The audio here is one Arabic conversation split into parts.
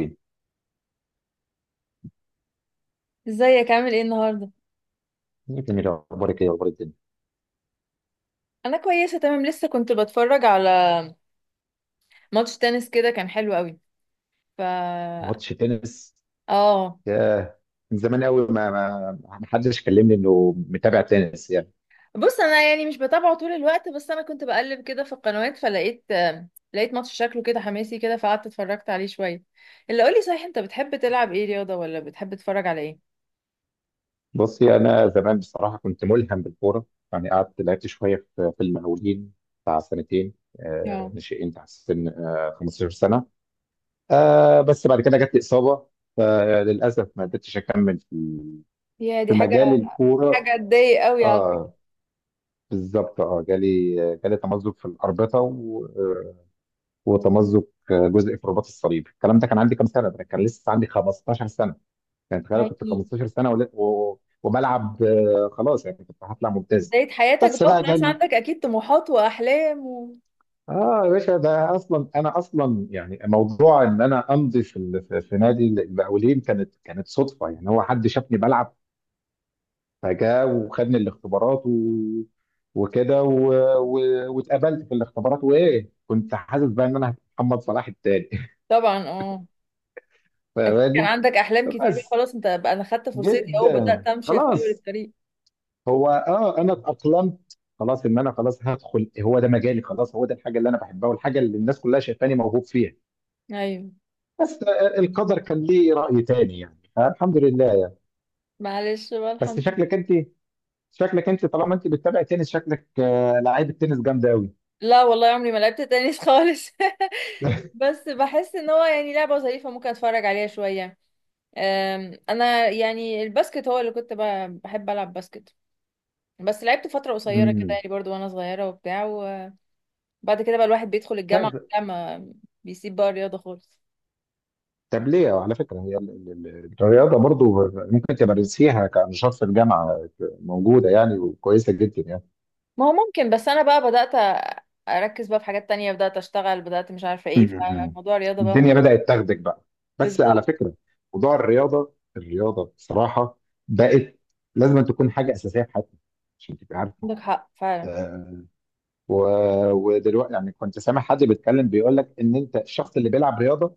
ايه، ازيك؟ عامل ايه النهارده؟ جميل. اخبارك ايه، اخبار الدنيا؟ انا كويسه، تمام. لسه كنت بتفرج على ماتش تنس كده، كان حلو قوي. ف ماتش تنس؟ اه ياه. من زمان قوي، ما حدش كلمني انه متابع تنس، يعني. بص، انا يعني مش بتابعه طول الوقت، بس انا كنت بقلب كده في القنوات فلقيت لقيت ماتش شكله كده حماسي كده، فقعدت اتفرجت عليه شويه. اللي قولي صحيح، انت بتحب تلعب ايه رياضه؟ ولا بتحب تتفرج على ايه؟ بصي، انا زمان بصراحه كنت ملهم بالكوره. يعني قعدت لعبت شويه في المقاولين بتاع سنتين. اه، ناشئين تحت سن 15 سنه. بس بعد كده جت لي اصابه، فللاسف ما قدرتش اكمل في يا دي مجال حاجه، الكوره. حاجه تضايق قوي على فكره. اه، بالظبط. اه جالي تمزق في الاربطه، وتمزق جزء في رباط الصليب. الكلام ده كان عندي كام سنه؟ ده كان لسه عندي 15 سنه. يعني تخيل كنت هاي، 15 سنه وبلعب، خلاص يعني كنت هطلع ممتاز. بدايه حياتك بس بقى بقى خلاص، جالي. عندك اكيد طموحات واحلام اه، يا باشا، ده اصلا انا اصلا يعني موضوع ان انا امضي في ال- في في نادي المقاولين كانت صدفه، يعني هو حد شافني بلعب، فجاء وخدني الاختبارات وكده و... واتقابلت في الاختبارات، وايه، كنت حاسس بقى ان انا محمد صلاح التاني. طبعا، اه. اكيد كان فاهماني؟ عندك احلام كتير بقى، بس خلاص انت بقى انا خدت فرصتي اهو، جدا، بدات امشي في اول خلاص. الطريق. هو انا اتاقلمت، خلاص ان انا خلاص هدخل، هو ده مجالي، خلاص هو ده الحاجه اللي انا بحبها والحاجه اللي الناس كلها شايفاني موهوب فيها. ايوه. بس القدر كان ليه راي تاني، يعني فالحمد لله. معلش بقى، بس الحمد لله. شكلك انت طالما انت بتتابع تنس، شكلك لعيبه تنس جامده قوي. لا والله، عمري ما لعبت تنس خالص. بس بحس ان هو يعني لعبه ظريفه، ممكن اتفرج عليها شويه. انا يعني الباسكت هو اللي كنت بحب العب باسكت. بس لعبت فتره قصيره كده امم يعني، برضو وانا صغيره وبتاع، وبعد كده بقى الواحد بيدخل الجامعه طيب. وبتاع، ما بيسيب بقى الرياضه خالص. طب ليه، على فكره، هي الرياضه برضو ممكن تمارسيها كنشاط في الجامعه. موجوده يعني، وكويسه جدا، يعني. ما هو ممكن، بس انا بقى بدأت، أ- اركز بقى في حاجات تانية، بدأت اشتغل، بدأت مش عارفة ايه. م-م. فموضوع الرياضة بقى الدنيا بدأت تاخدك بقى. بس على بالظبط. فكرة، موضوع الرياضة بصراحة بقت لازم أن تكون حاجة أساسية في حياتنا، عشان تبقى عارف. عندك حق فعلا. آه، و... ودلوقتي يعني كنت سامع حد بيتكلم بيقول لك إن أنت الشخص اللي بيلعب رياضة،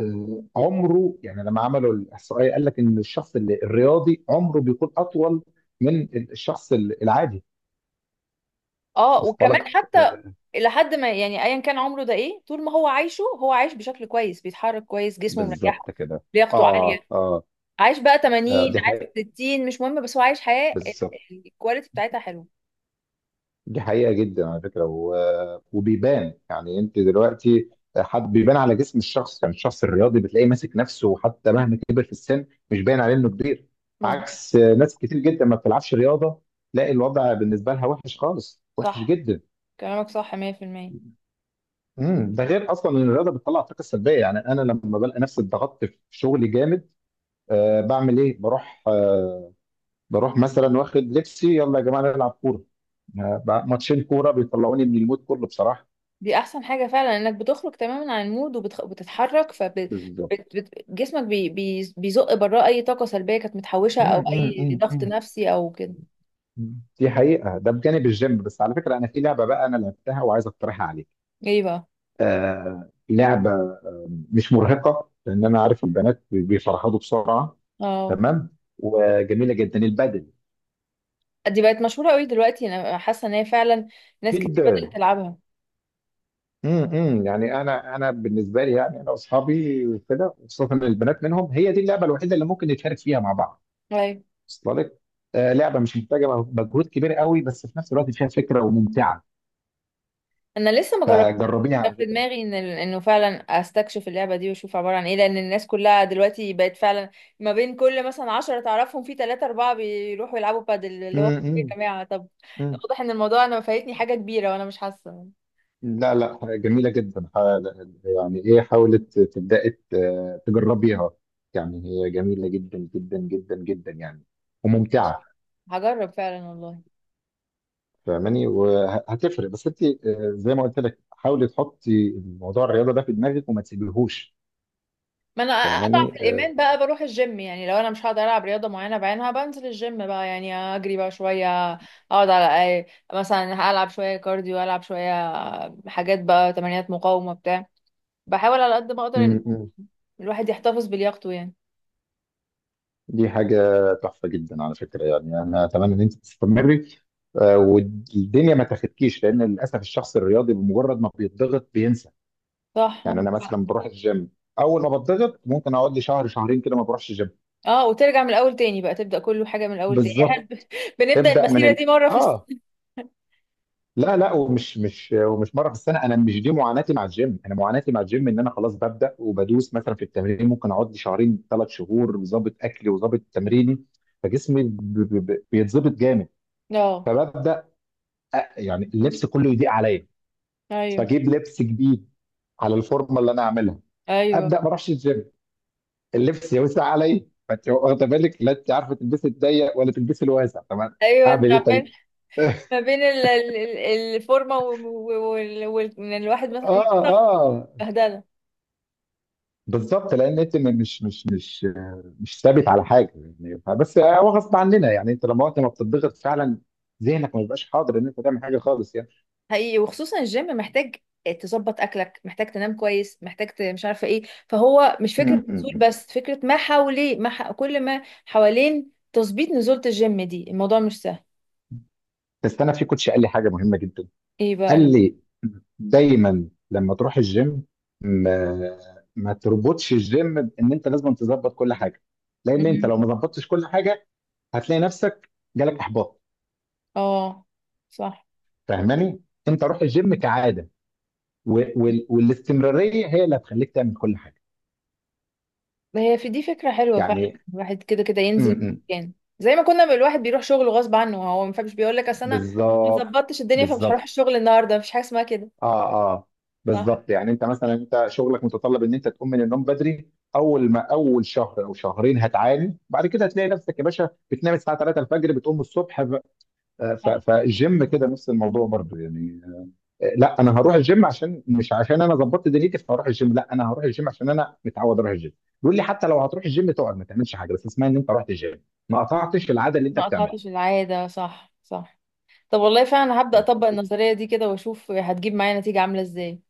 عمره، يعني لما عملوا الإحصائية قال لك إن الشخص اللي الرياضي عمره بيكون أطول من الشخص العادي. اه، وصلت وكمان لك؟ حتى آه، لحد ما، يعني ايا كان عمره، ده ايه؟ طول ما هو عايشه، هو عايش بشكل كويس، بيتحرك كويس، جسمه مريحه، بالظبط كده. لياقته عالية. آه آه. عايش بقى آه، 80، دي حقيقة، عايش 60، مش مهم، بس هو عايش حياة بالظبط. الكواليتي بتاعتها حلوة. دي حقيقة جدا، على فكرة، وبيبان، يعني انت دلوقتي حد بيبان على جسم الشخص. يعني الشخص الرياضي بتلاقيه ماسك نفسه حتى مهما كبر في السن، مش باين عليه انه كبير. مظبوط. عكس ناس كتير جدا ما بتلعبش رياضة، تلاقي الوضع بالنسبة لها وحش خالص، وحش صح، جدا. كلامك صح 100%. ده غير اصلا ان الرياضة بتطلع الطاقة السلبية. يعني انا لما بلاقي نفسي اتضغطت في شغلي جامد، أه، بعمل ايه؟ بروح أه، بروح مثلا، واخد لبسي، يلا يا جماعة نلعب كورة. ماتشين كورة بيطلعوني من المود كله، بصراحة. دي احسن حاجة فعلا، انك بتخرج تماما عن المود وبتتحرك، فجسمك بي بي بيزق براه اي طاقة سلبية كانت متحوشة، مم، او مم، اي مم، ضغط مم، نفسي او كده. مم. دي حقيقة. ده بجانب الجيم. بس على فكرة، أنا في لعبة بقى، أنا لعبتها وعايز أقترحها عليك. ايه بقى؟ آه، لعبة مش مرهقة، لأن أنا عارف البنات بيفرهدوا بسرعة. اه، تمام، وجميلة جدا البدل. دي بقت مشهورة قوي دلوقتي، انا حاسة ان هي فعلا ناس كتير جدا. بدأت تلعبها. مم، مم. يعني أنا بالنسبة لي، يعني أنا وأصحابي وكده، خصوصا البنات منهم، هي دي اللعبة الوحيدة اللي ممكن نتشارك فيها مع بعض. ايوه. وصل لك؟ آه، لعبة مش محتاجة مجهود كبير قوي، بس في نفس الوقت فيها فكرة وممتعة. انا لسه ما جربتهاش. فجربيها كان على في فكرة. دماغي انه فعلا استكشف اللعبه دي واشوف عباره عن ايه، لان الناس كلها دلوقتي بقت فعلا، ما بين كل مثلا عشرة تعرفهم في ثلاثة أربعة بيروحوا يلعبوا بادل، اللي هو مم، إيه مم، يا جماعه؟ طب مم. واضح ان الموضوع انا فايتني حاجه كبيره وانا مش حاسه. لا لا، جميلة جدا. يعني ايه، حاولت تبدأي تجربيها؟ يعني هي جميلة جدا جدا جدا جدا، يعني، ماشي، وممتعة. هجرب فعلا والله. فاهماني؟ وهتفرق. بس انت، زي ما قلت لك، حاولي تحطي موضوع الرياضة ده في دماغك وما تسيبيهوش. ما انا اضعف فاهماني؟ الايمان بقى بروح الجيم، يعني لو انا مش هقدر العب رياضه معينه بعينها بنزل الجيم بقى، يعني اجري بقى شويه، اقعد على اي، مثلا العب شويه كارديو، العب شويه حاجات بقى، تمارين مقاومه بتاع. بحاول على قد ما اقدر ان م- م. الواحد يحتفظ بلياقته يعني. دي حاجة تحفة جدا على فكرة. يعني انا اتمنى ان انت تستمري، والدنيا ما تاخدكيش. لان للاسف الشخص الرياضي بمجرد ما بيتضغط، صح، يعني عندك انا حق. مثلا بروح الجيم، اول ما بتضغط ممكن اقعد لي شهر شهرين كده ما بروحش الجيم. اه، وترجع من الاول تاني بقى، تبدا كله حاجه من الاول تاني. بالظبط. بنبدا ابدا من المسيره دي مره في اه السنه. لا لا، ومش مش ومش مره في السنه. انا مش دي معاناتي مع الجيم. انا معاناتي مع الجيم ان انا خلاص ببدا وبدوس مثلا في التمرين، ممكن اقعد لي شهرين 3 شهور ظابط اكلي وظابط تمريني، فجسمي بيتظبط جامد. اه. فببدا يعني اللبس كله يضيق عليا، ايوه، فاجيب لبس جديد على الفورمه اللي انا عاملها. ايوه، ابدا ما اروحش الجيم، اللبس يوسع علي. فانت واخده بالك، لا انت عارفه، تلبسي الضيق ولا تلبسي الواسع، طب ايوه. اعمل انت ايه عمال، طيب؟ ما بين الفورمه وان الواحد مثلا اه يطلع اه، بهدله. بالظبط. لان انت مش ثابت على حاجه، يعني. بس هو غصب عننا، يعني انت لما انت ما بتضغط فعلا، ذهنك ما بيبقاش حاضر ان انت تعمل حاجه خالص، يعني. حقيقي، وخصوصا الجيم محتاج تظبط اكلك، محتاج تنام كويس، محتاج مش عارفه ايه. فهو مش م- فكره م- نزول م. بس، فكره ما حواليه، ما ح... كل ما حوالين تظبيط نزوله الجيم دي الموضوع مش سهل. بس انا في كوتش قال لي حاجه مهمه جدا. ايه قال لي، دايما لما تروح الجيم، ما ما تربطش الجيم بان انت لازم تظبط كل حاجه. لان انت بقى؟ لو ما ظبطتش كل حاجه، هتلاقي نفسك جالك احباط. اه. صح. فاهماني؟ انت روح الجيم كعاده، والاستمراريه هي اللي هتخليك تعمل كل حاجه، هي في دي فكرة حلوة فعلا، يعني. الواحد كده كده م- ينزل م. مكان، زي ما كنا الواحد بيروح شغله غصب عنه، هو ما فيش بيقول لك اصل انا ما بالظبط، ظبطتش الدنيا فمش هروح بالظبط، الشغل النهارده، مفيش حاجة اسمها كده. اه اه، صح، بالظبط. يعني انت مثلا، انت شغلك متطلب ان انت تقوم من النوم بدري، اول ما اول شهر او شهرين هتعاني. بعد كده هتلاقي نفسك يا باشا بتنام الساعه 3 الفجر بتقوم الصبح، صح. فالجيم كده نفس الموضوع برضه، يعني. لا، انا هروح الجيم عشان، مش عشان انا ظبطت دنيتي فهروح الجيم، لا انا هروح الجيم عشان انا متعود اروح الجيم. بيقول لي حتى لو هتروح الجيم تقعد ما تعملش حاجه، بس اسمها ان انت رحت الجيم، ما قطعتش العاده اللي انت ما بتعملها. قطعتش العادة، صح صح. طب والله فعلا هبدأ اطبق النظرية دي كده واشوف هتجيب معايا نتيجة عاملة ازاي.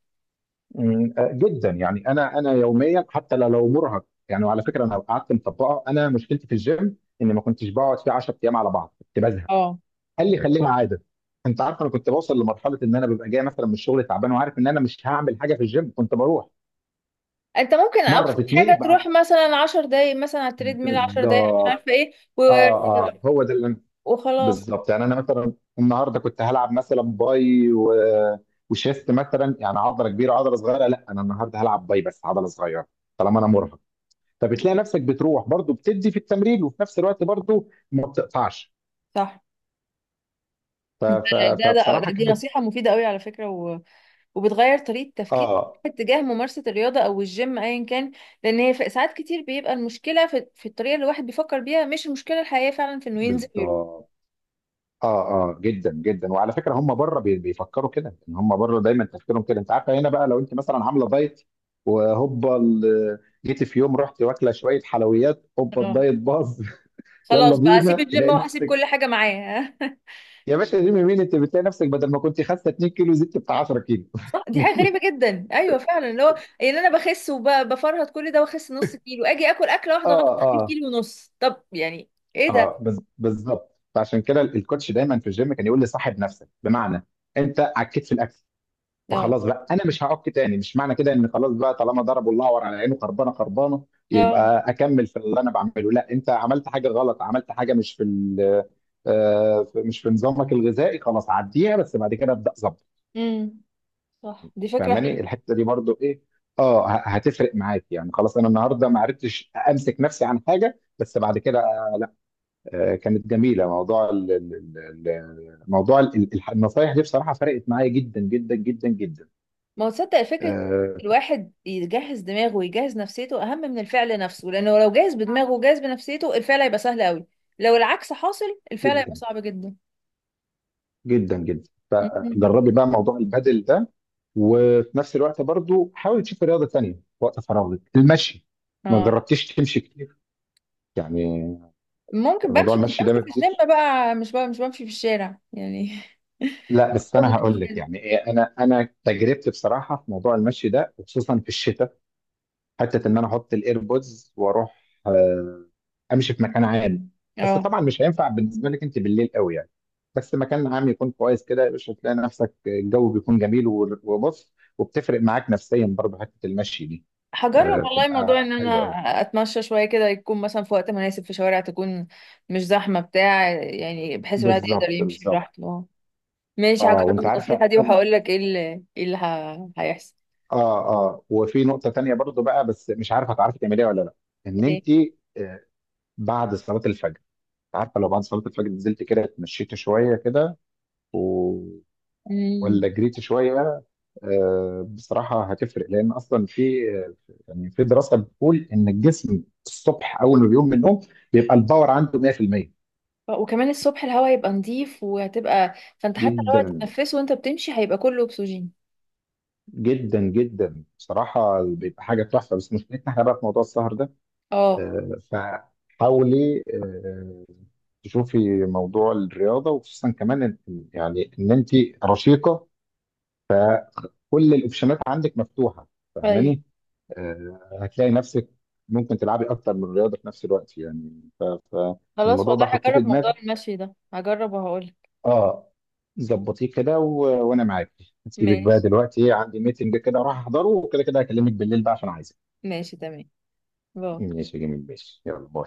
آه، جدا. يعني انا يوميا حتى لو مرهق، يعني. وعلى فكره انا قعدت مطبقه. انا مشكلتي في الجيم اني ما كنتش بقعد فيه 10 ايام على بعض، كنت بزهق. اه. قال لي خليها عاده. انت عارف، انا كنت بوصل لمرحله ان انا ببقى جاي مثلا من الشغل تعبان وعارف ان انا مش هعمل حاجه في الجيم، كنت بروح انت ممكن مره ابسط في اتنين حاجة بقى. تروح مثلا عشر دقايق، مثلا على التريد ميل، عشر دقايق، مش بالظبط. عارفة ايه اه اه، هو ده وخلاص. بالظبط. يعني انا مثلا، النهارده كنت هلعب مثلا باي وشيست مثلا، يعني عضله كبيره عضله صغيره. لا، انا النهارده هلعب باي بس عضله صغيره طالما انا مرهق. فبتلاقي نفسك بتروح برضو، بتدي في التمرين وفي نفس الوقت برضو ما بتقطعش. صح. انت فبصراحه دي كانت نصيحة مفيدة قوي على فكرة، وبتغير طريقة تفكير اه، اتجاه ممارسة الرياضة أو الجيم أيا كان. لأن هي ساعات كتير بيبقى المشكلة في الطريقة اللي الواحد بيفكر بيها، مش المشكلة الحقيقية فعلا في إنه ينزل ويروح. بالظبط. اه اه، جدا جدا، وعلى فكره هم بره بيفكروا كده، ان هم بره دايما تفكيرهم كده. انت عارفه، هنا بقى، لو انت مثلا عامله دايت، وهوبا جيتي في يوم رحت واكله شويه حلويات، هوبا اه. الدايت باظ. يلا خلاص بقى أسيب بينا، الجيم تلاقي وهسيب نفسك كل حاجة معاه. يا باشا ريمي مين، انت بتلاقي نفسك بدل ما كنت خاسه 2 كيلو زدت بتاع 10 كيلو. صح، دي حاجة غريبة جدا، أيوه فعلا. اللي هو يعني أنا بخس وبفرهد كل ده وأخس نص كيلو، أجي آكل أكلة واحدة اه غلط أجيب اه كيلو ونص، طب يعني إيه اه، ده؟ بالظبط. فعشان كده الكوتش دايما في الجيم كان يقول لي صاحب نفسك. بمعنى، انت عكيت في الاكل، اه، فخلاص بقى انا مش هعك تاني. مش معنى كده ان خلاص بقى، طالما ضربوا الاعور على عينه خربانه خربانه، اه. يبقى اكمل في اللي انا بعمله. لا، انت عملت حاجه غلط، عملت حاجه مش في نظامك الغذائي، خلاص عديها بس بعد كده ابدا ظبط. امم. صح، دي فكرة فاهماني؟ حلوة. الحته دي برضو ايه، اه هتفرق معاك، يعني. خلاص انا النهارده ما عرفتش امسك نفسي عن حاجه، بس بعد كده، لا. آه، كانت جميله. موضوع النصايح دي بصراحه فرقت معايا جدا جدا جدا جدا. ما هو تصدق فكرة آه، الواحد يجهز دماغه ويجهز نفسيته أهم من الفعل نفسه، لأنه لو جاهز بدماغه وجاهز بنفسيته الفعل هيبقى سهل قوي، لو العكس حاصل الفعل هيبقى جدا صعب جدا. جدا جدا. مم. فجربي بقى موضوع البادل ده، وفي نفس الوقت برضو حاولي تشوفي رياضة تانية في وقت فراغك. المشي، ما اه. جربتيش تمشي كتير يعني. ممكن، موضوع بمشي بس المشي بمشي ده ما في الجيم بيجيبش. بقى، مش بقى مش بمشي في الشارع يعني. لا، بس انا هقول لك يعني إيه، انا تجربتي بصراحة في موضوع المشي ده، وخصوصا في الشتاء، حته ان انا احط الايربودز واروح امشي في مكان عام. بس اه، طبعا مش هينفع بالنسبه لك انت بالليل قوي، يعني. بس مكان عام يكون كويس كده يا باشا، تلاقي نفسك الجو بيكون جميل، وبص، وبتفرق معاك نفسيا برضه حته المشي دي. هجرب والله موضوع بتبقى ان انا حلوه قوي. اتمشى شويه كده، يكون مثلا في وقت مناسب، في شوارع تكون مش زحمه بتاع، يعني بحيث الواحد يقدر بالظبط، يمشي بالظبط، براحته. ماشي، اه. هجرب وانت النصيحة عارفه دي وهقول لك ايه اللي، ايه اللي هيحصل. اه اه، وفي نقطه تانيه برضه بقى، بس مش عارفه هتعرفي تعمليها ولا لا. ان ايه؟ انت، آه، بعد صلاه الفجر، عارفه، لو بعد صلاه الفجر نزلت كده اتمشيت شويه كده امم. ولا جريت شويه، بصراحه هتفرق. لان اصلا في، يعني في دراسه بتقول ان الجسم الصبح اول ما بيقوم من النوم بيبقى الباور عنده 100%. وكمان الصبح الهواء يبقى نظيف، وهتبقى فانت حتى لو جدا هتتنفسه وانت بتمشي هيبقى كله اكسجين. جدا جدا بصراحه بيبقى حاجه تحفه، بس مشكلتنا احنا بقى في موضوع السهر ده. اه. فحاولي تشوفي موضوع الرياضه، وخصوصا كمان، يعني ان انت رشيقه، كل الاوبشنات عندك مفتوحه، طيب، فاهماني؟ هتلاقي نفسك ممكن تلعبي اكتر من رياضه في نفس الوقت، يعني. ف- خلاص فالموضوع ده والله حطيه في هجرب موضوع دماغك، المشي ده، هجرب وهقول. اه، ظبطيه كده، وانا معاك. هسيبك بقى، ماشي، دلوقتي عندي ميتنج كده راح احضره، وكده كده هكلمك بالليل بقى عشان عايزك. ماشي تمام. باي. ماشي يا جميل، ماشي، يلا باي.